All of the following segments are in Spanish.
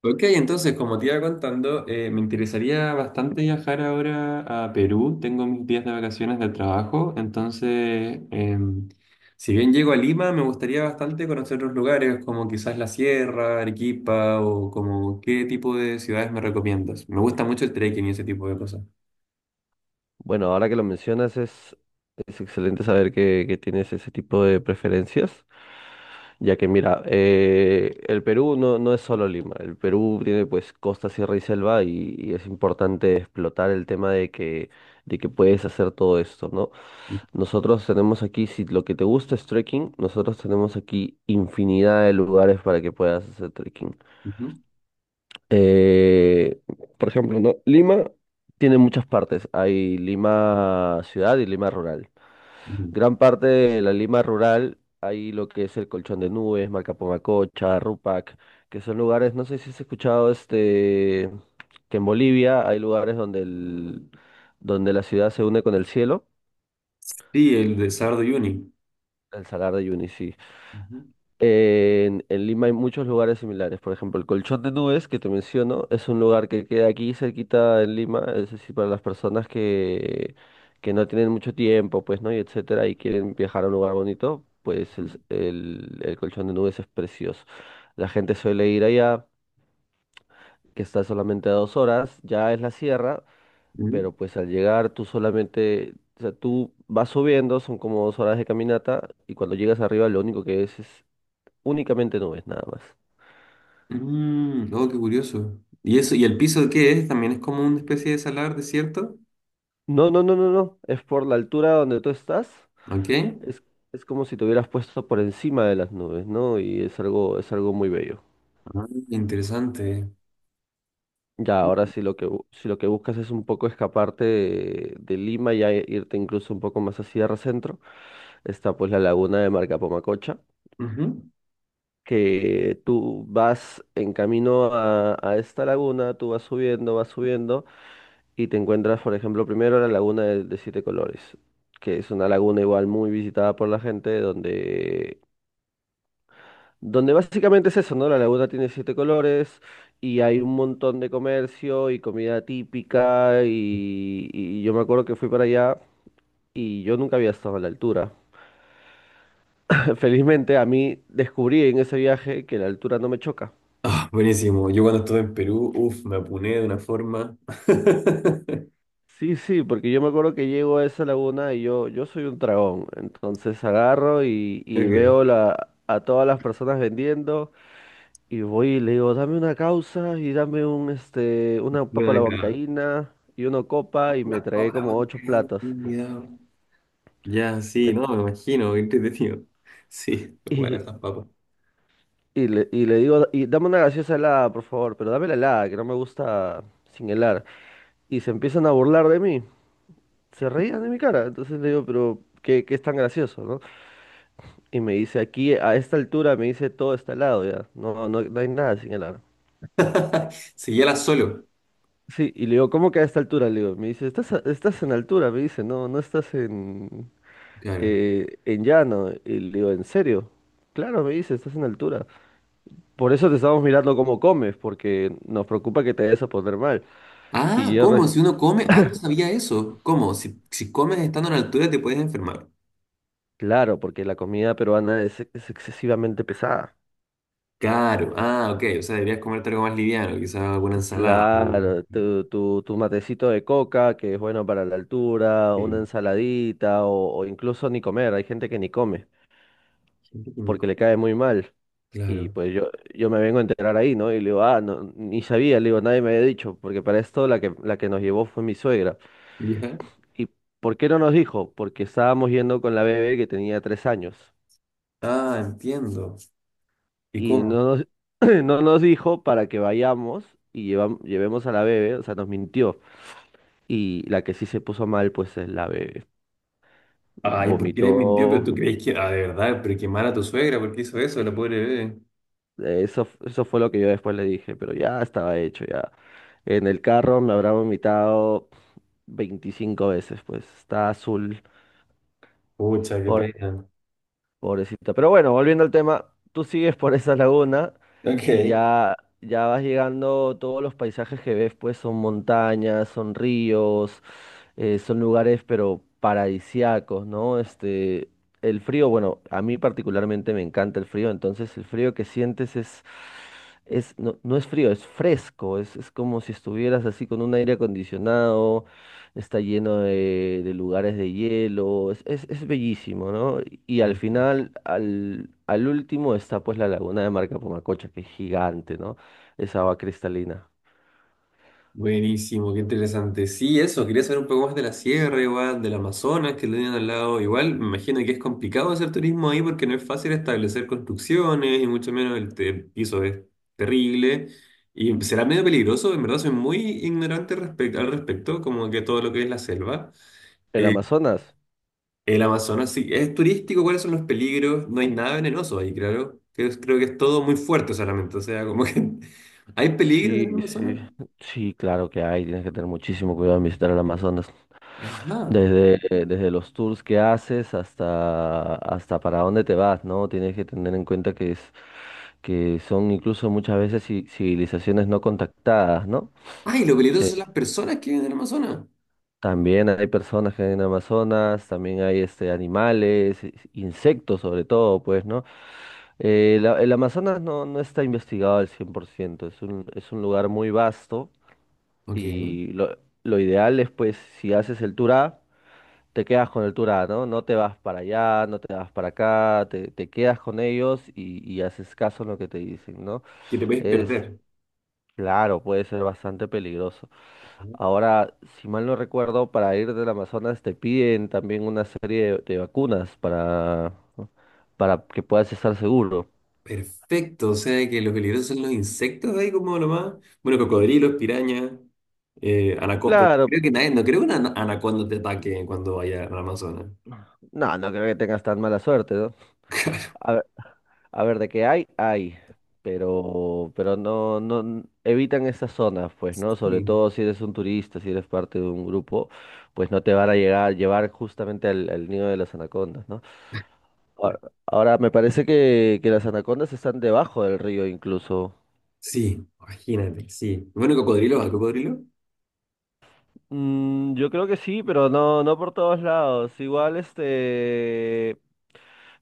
Ok, entonces, como te iba contando, me interesaría bastante viajar ahora a Perú. Tengo mis días de vacaciones del trabajo, entonces, si bien llego a Lima, me gustaría bastante conocer otros lugares, como quizás la Sierra, Arequipa, o como qué tipo de ciudades me recomiendas. Me gusta mucho el trekking y ese tipo de cosas. Bueno, ahora que lo mencionas es excelente saber que tienes ese tipo de preferencias, ya que mira, el Perú no es solo Lima, el Perú tiene pues costa, sierra y selva y es importante explotar el tema de que puedes hacer todo esto, ¿no? Nosotros tenemos aquí, si lo que te gusta es trekking, nosotros tenemos aquí infinidad de lugares para que puedas hacer trekking. Ujú, Eh, por ejemplo, ¿no? Lima tiene muchas partes, hay Lima ciudad y Lima rural. ujú. Gran parte de la Lima rural hay lo que es el Colchón de Nubes, Malcapomacocha, Rupac, que son lugares, no sé si has escuchado este, que en Bolivia hay lugares donde la ciudad se une con el cielo, Sí, el de Sardo Uni. el Salar de Uyuni, sí. Ujú, En Lima hay muchos lugares similares. Por ejemplo, el Colchón de Nubes, que te menciono, es un lugar que queda aquí cerquita en Lima, es decir, para las personas que no tienen mucho tiempo, pues, ¿no? Y etcétera, y quieren viajar a un lugar bonito, pues el Colchón de Nubes es precioso. La gente suele ir allá, que está solamente a 2 horas, ya es la sierra, ujú. pero pues al llegar tú solamente, o sea, tú vas subiendo, son como 2 horas de caminata, y cuando llegas arriba lo único que es únicamente nubes, nada más. Mm, oh, qué curioso. ¿Y eso, y el piso qué es? ¿También es como una especie de salar, desierto? No, no, no, no, no. Es por la altura donde tú estás. ¿Ok? Es, es como si te hubieras puesto por encima de las nubes, ¿no? Y es algo muy bello. Ah, interesante. Ya, ahora sí si lo que buscas es un poco escaparte de Lima y irte incluso un poco más a Sierra Centro, está pues la laguna de Marcapamacocha, Ujú. que tú vas en camino a esta laguna, tú vas subiendo y te encuentras, por ejemplo, primero la laguna de siete colores, que es una laguna igual muy visitada por la gente, donde básicamente es eso, ¿no? La laguna tiene siete colores y hay un montón de comercio y comida típica y yo me acuerdo que fui para allá y yo nunca había estado a la altura. Felizmente a mí descubrí en ese viaje que la altura no me choca. Ah, buenísimo. Yo cuando estuve en Perú, uff, me apuné de una forma. Sí, sí, porque yo me acuerdo que llego a esa laguna y yo soy un dragón, entonces agarro y Ok, veo a todas las personas vendiendo. Y voy y le digo, dame una causa y dame una papa buena a la década. huancaína y una copa y me Las tragué cobras como ocho bancaínas, platos. me he olvidado. Ya, Me- sí, no, me imagino, qué entretenido. Sí, bueno, y, esas papas. y le digo, y dame una gaseosa helada, por favor, pero dame la helada, que no me gusta sin helar. Y se empiezan a burlar de mí, se reían de mi cara. Entonces le digo, pero ¿qué, es tan gracioso, no? Y me dice, aquí a esta altura me dice todo está helado ya, no hay nada sin helar. Seguíala solo. Sí, y le digo, ¿cómo que a esta altura? Le digo, me dice, estás en altura? Me dice, no estás Claro. En llano. Y le digo, ¿en serio? Claro, me dice, estás en altura. Por eso te estamos mirando cómo comes, porque nos preocupa que te vayas a poner mal. Y Ah, yo, ¿cómo? Si uno come. Ah, no sabía eso. ¿Cómo? Si, si comes estando a la altura te puedes enfermar. claro, porque la comida peruana es excesivamente pesada. Claro. Ah, ok. O sea, deberías comerte algo más liviano, quizás alguna ensalada. Algo... Claro, tu matecito de coca, que es bueno para la altura, una Sí. ensaladita o incluso ni comer. Hay gente que ni come, Gente porque químico. le cae muy mal. Y Claro. pues yo me vengo a enterar ahí, ¿no? Y le digo, ah, no, ni sabía, le digo, nadie me había dicho, porque para esto la que nos llevó fue mi suegra. ¿Ya? ¿Y por qué no nos dijo? Porque estábamos yendo con la bebé que tenía 3 años. Ah, entiendo. ¿Y Y cómo? No nos dijo para que vayamos y llevemos a la bebé, o sea, nos mintió. Y la que sí se puso mal, pues es la bebé. Ay, ¿por qué Vomitó, le mintió? Pero tú crees que. Ah, de verdad, pero quemar a tu suegra, ¿por qué hizo eso, la pobre bebé? Eso fue lo que yo después le dije, pero ya estaba hecho, ya. En el carro me habrá vomitado 25 veces, pues está azul, Pucha, qué pobre- pena. pobrecita. Pero bueno, volviendo al tema, tú sigues por esa laguna y Ok. ya, ya vas llegando, todos los paisajes que ves, pues son montañas, son ríos, son lugares, pero paradisíacos, ¿no? El frío, bueno, a mí particularmente me encanta el frío, entonces el frío que sientes es no, no es frío, es fresco, es como si estuvieras así con un aire acondicionado. Está lleno de lugares de hielo, es bellísimo, ¿no? Y al final, al último está pues la laguna de Marca Pumacocha, que es gigante, ¿no? Esa agua cristalina. Buenísimo, qué interesante. Sí, eso, quería saber un poco más de la sierra, igual, del Amazonas que lo tienen al lado. Igual, me imagino que es complicado hacer turismo ahí porque no es fácil establecer construcciones y mucho menos el piso es terrible. Y será medio peligroso, en verdad soy muy ignorante al respecto, como que todo lo que es la selva. ¿El Eh, Amazonas? el Amazonas sí, es turístico, ¿cuáles son los peligros? No hay nada venenoso ahí, claro. Creo que es todo muy fuerte solamente, o sea, como que... ¿Hay peligros en el Sí, Amazonas? sí, sí, claro que hay, tienes que tener muchísimo cuidado en visitar el Amazonas. Ajá. Desde, desde los tours que haces hasta para dónde te vas, ¿no? Tienes que tener en cuenta que son incluso muchas veces civilizaciones no contactadas, ¿no? Ay, lo peligroso son las personas que viven en el Amazonas. También hay personas que hay en Amazonas, también hay animales, insectos sobre todo, pues, ¿no? El Amazonas no está investigado al 100%. Es un lugar muy vasto Ok, y lo ideal es, pues, si haces el tour A, te quedas con el tour A, ¿no? No te vas para allá, no te vas para acá, te quedas con ellos y haces caso en lo que te dicen, ¿no? que te puedes perder. Claro, puede ser bastante peligroso. Ahora, si mal no recuerdo, para ir del Amazonas te piden también una serie de vacunas para que puedas estar seguro. Perfecto, o sea que lo peligroso son los insectos ahí como nomás. Bueno, cocodrilos, pirañas, pero Claro, creo que nadie, no creo que una anaconda te ataque cuando vaya al Amazonas. no creo que tengas tan mala suerte, ¿no? A ver, a ver, de qué hay, hay, pero no, no n- evitan esas zonas, pues, ¿no? Sobre Sí, todo si eres un turista, si eres parte de un grupo, pues no te van a llevar justamente al nido de las anacondas, ¿no? Ahora, ahora, me parece que las anacondas están debajo del río incluso. sí, imagínate, sí. Bueno, cocodrilo, ¿al cocodrilo? Yo creo que sí, pero no por todos lados. Igual,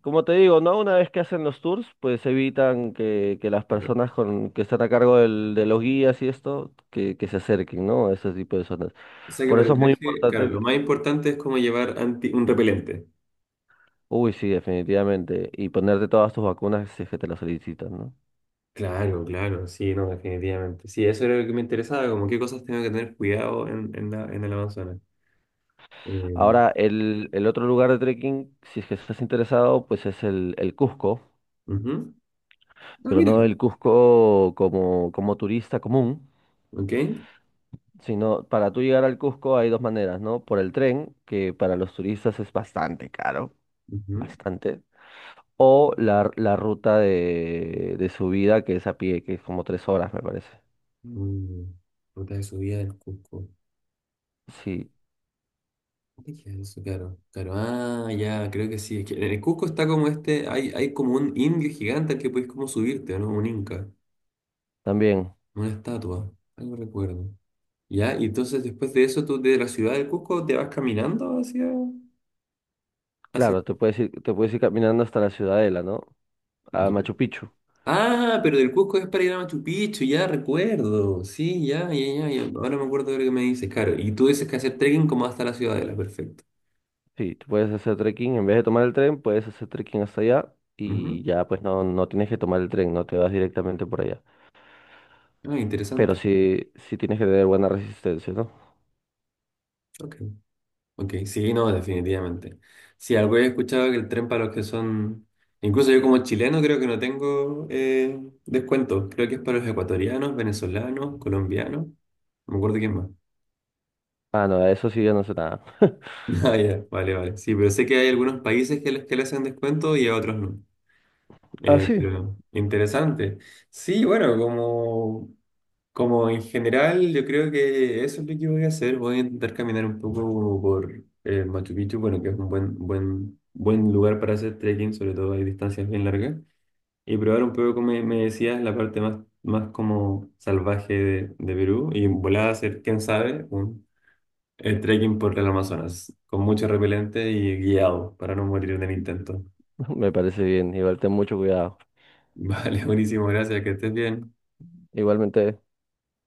como te digo, ¿no? Una vez que hacen los tours, pues evitan que las Pero, personas que están a cargo de los guías y esto, que se acerquen, ¿no? A ese tipo de zonas. o sea que Por para el eso es muy viaje, claro, importante lo que- más importante es como llevar un repelente. Uy, sí, definitivamente. Y ponerte todas tus vacunas si es que te las solicitan, ¿no? Claro, claro, sí, no, definitivamente. Sí, eso era lo que me interesaba, como qué cosas tengo que tener cuidado en la, en el Amazonas. Eh, Ahora, el otro lugar de trekking, si es que estás interesado, pues es el Cusco, ujú. Ah, pero no mira, el Cusco como, como turista común, ok. sino para tú llegar al Cusco hay dos maneras, ¿no? Por el tren, que para los turistas es bastante caro, Ujú. bastante, o la ruta de subida que es a pie, que es como 3 horas, me parece. Mm, ruta de subida del Cusco. Sí, ¿Qué es eso? Claro, claro. Ah, ya, creo que sí. Es que en el Cusco está como este, hay como un indio gigante al que puedes como subirte, ¿o no? Un inca, también, una estatua, algo recuerdo. Ya, y entonces después de eso tú de la ciudad del Cusco te vas caminando hacia... hacia... claro, te puedes ir caminando hasta la Ciudadela, ¿no? A Ya. Machu Picchu. Ah, pero del Cusco es para ir a Machu Picchu, ya recuerdo. Sí, ya, ya, ya, ya. Ahora me acuerdo de lo que me dices, claro. Y tú dices que hacer trekking como hasta la ciudadela, perfecto. Sí, tú puedes hacer trekking, en vez de tomar el tren, puedes hacer trekking hasta allá y Ujú. ya pues no tienes que tomar el tren, no te vas directamente por allá. Ah, Pero interesante. sí, sí tienes que tener buena resistencia, ¿no? Ok. Ok, sí, no, definitivamente. Sí, algo he escuchado que el tren para los que son. Incluso yo como chileno creo que no tengo descuento. Creo que es para los ecuatorianos, venezolanos, colombianos. No me acuerdo quién más. Ah, no, a eso sí ya no sé nada. Ah, ya, vale, vale. Sí, pero sé que hay algunos países que les, que le hacen descuento y a otros no. Ah, sí, Pero interesante. Sí, bueno, como en general, yo creo que eso es lo que voy a hacer. Voy a intentar caminar un poco por Machu Picchu, bueno, que es un buen, buen, buen lugar para hacer trekking, sobre todo hay distancias bien largas. Y probar un poco, me decías, la parte más, más como salvaje de Perú. Y volar a hacer, quién sabe, un trekking por el Amazonas, con mucho repelente y guiado, para no morir en el intento. me parece bien. Igual ten mucho cuidado. Vale, buenísimo, gracias, que estés bien. Igualmente.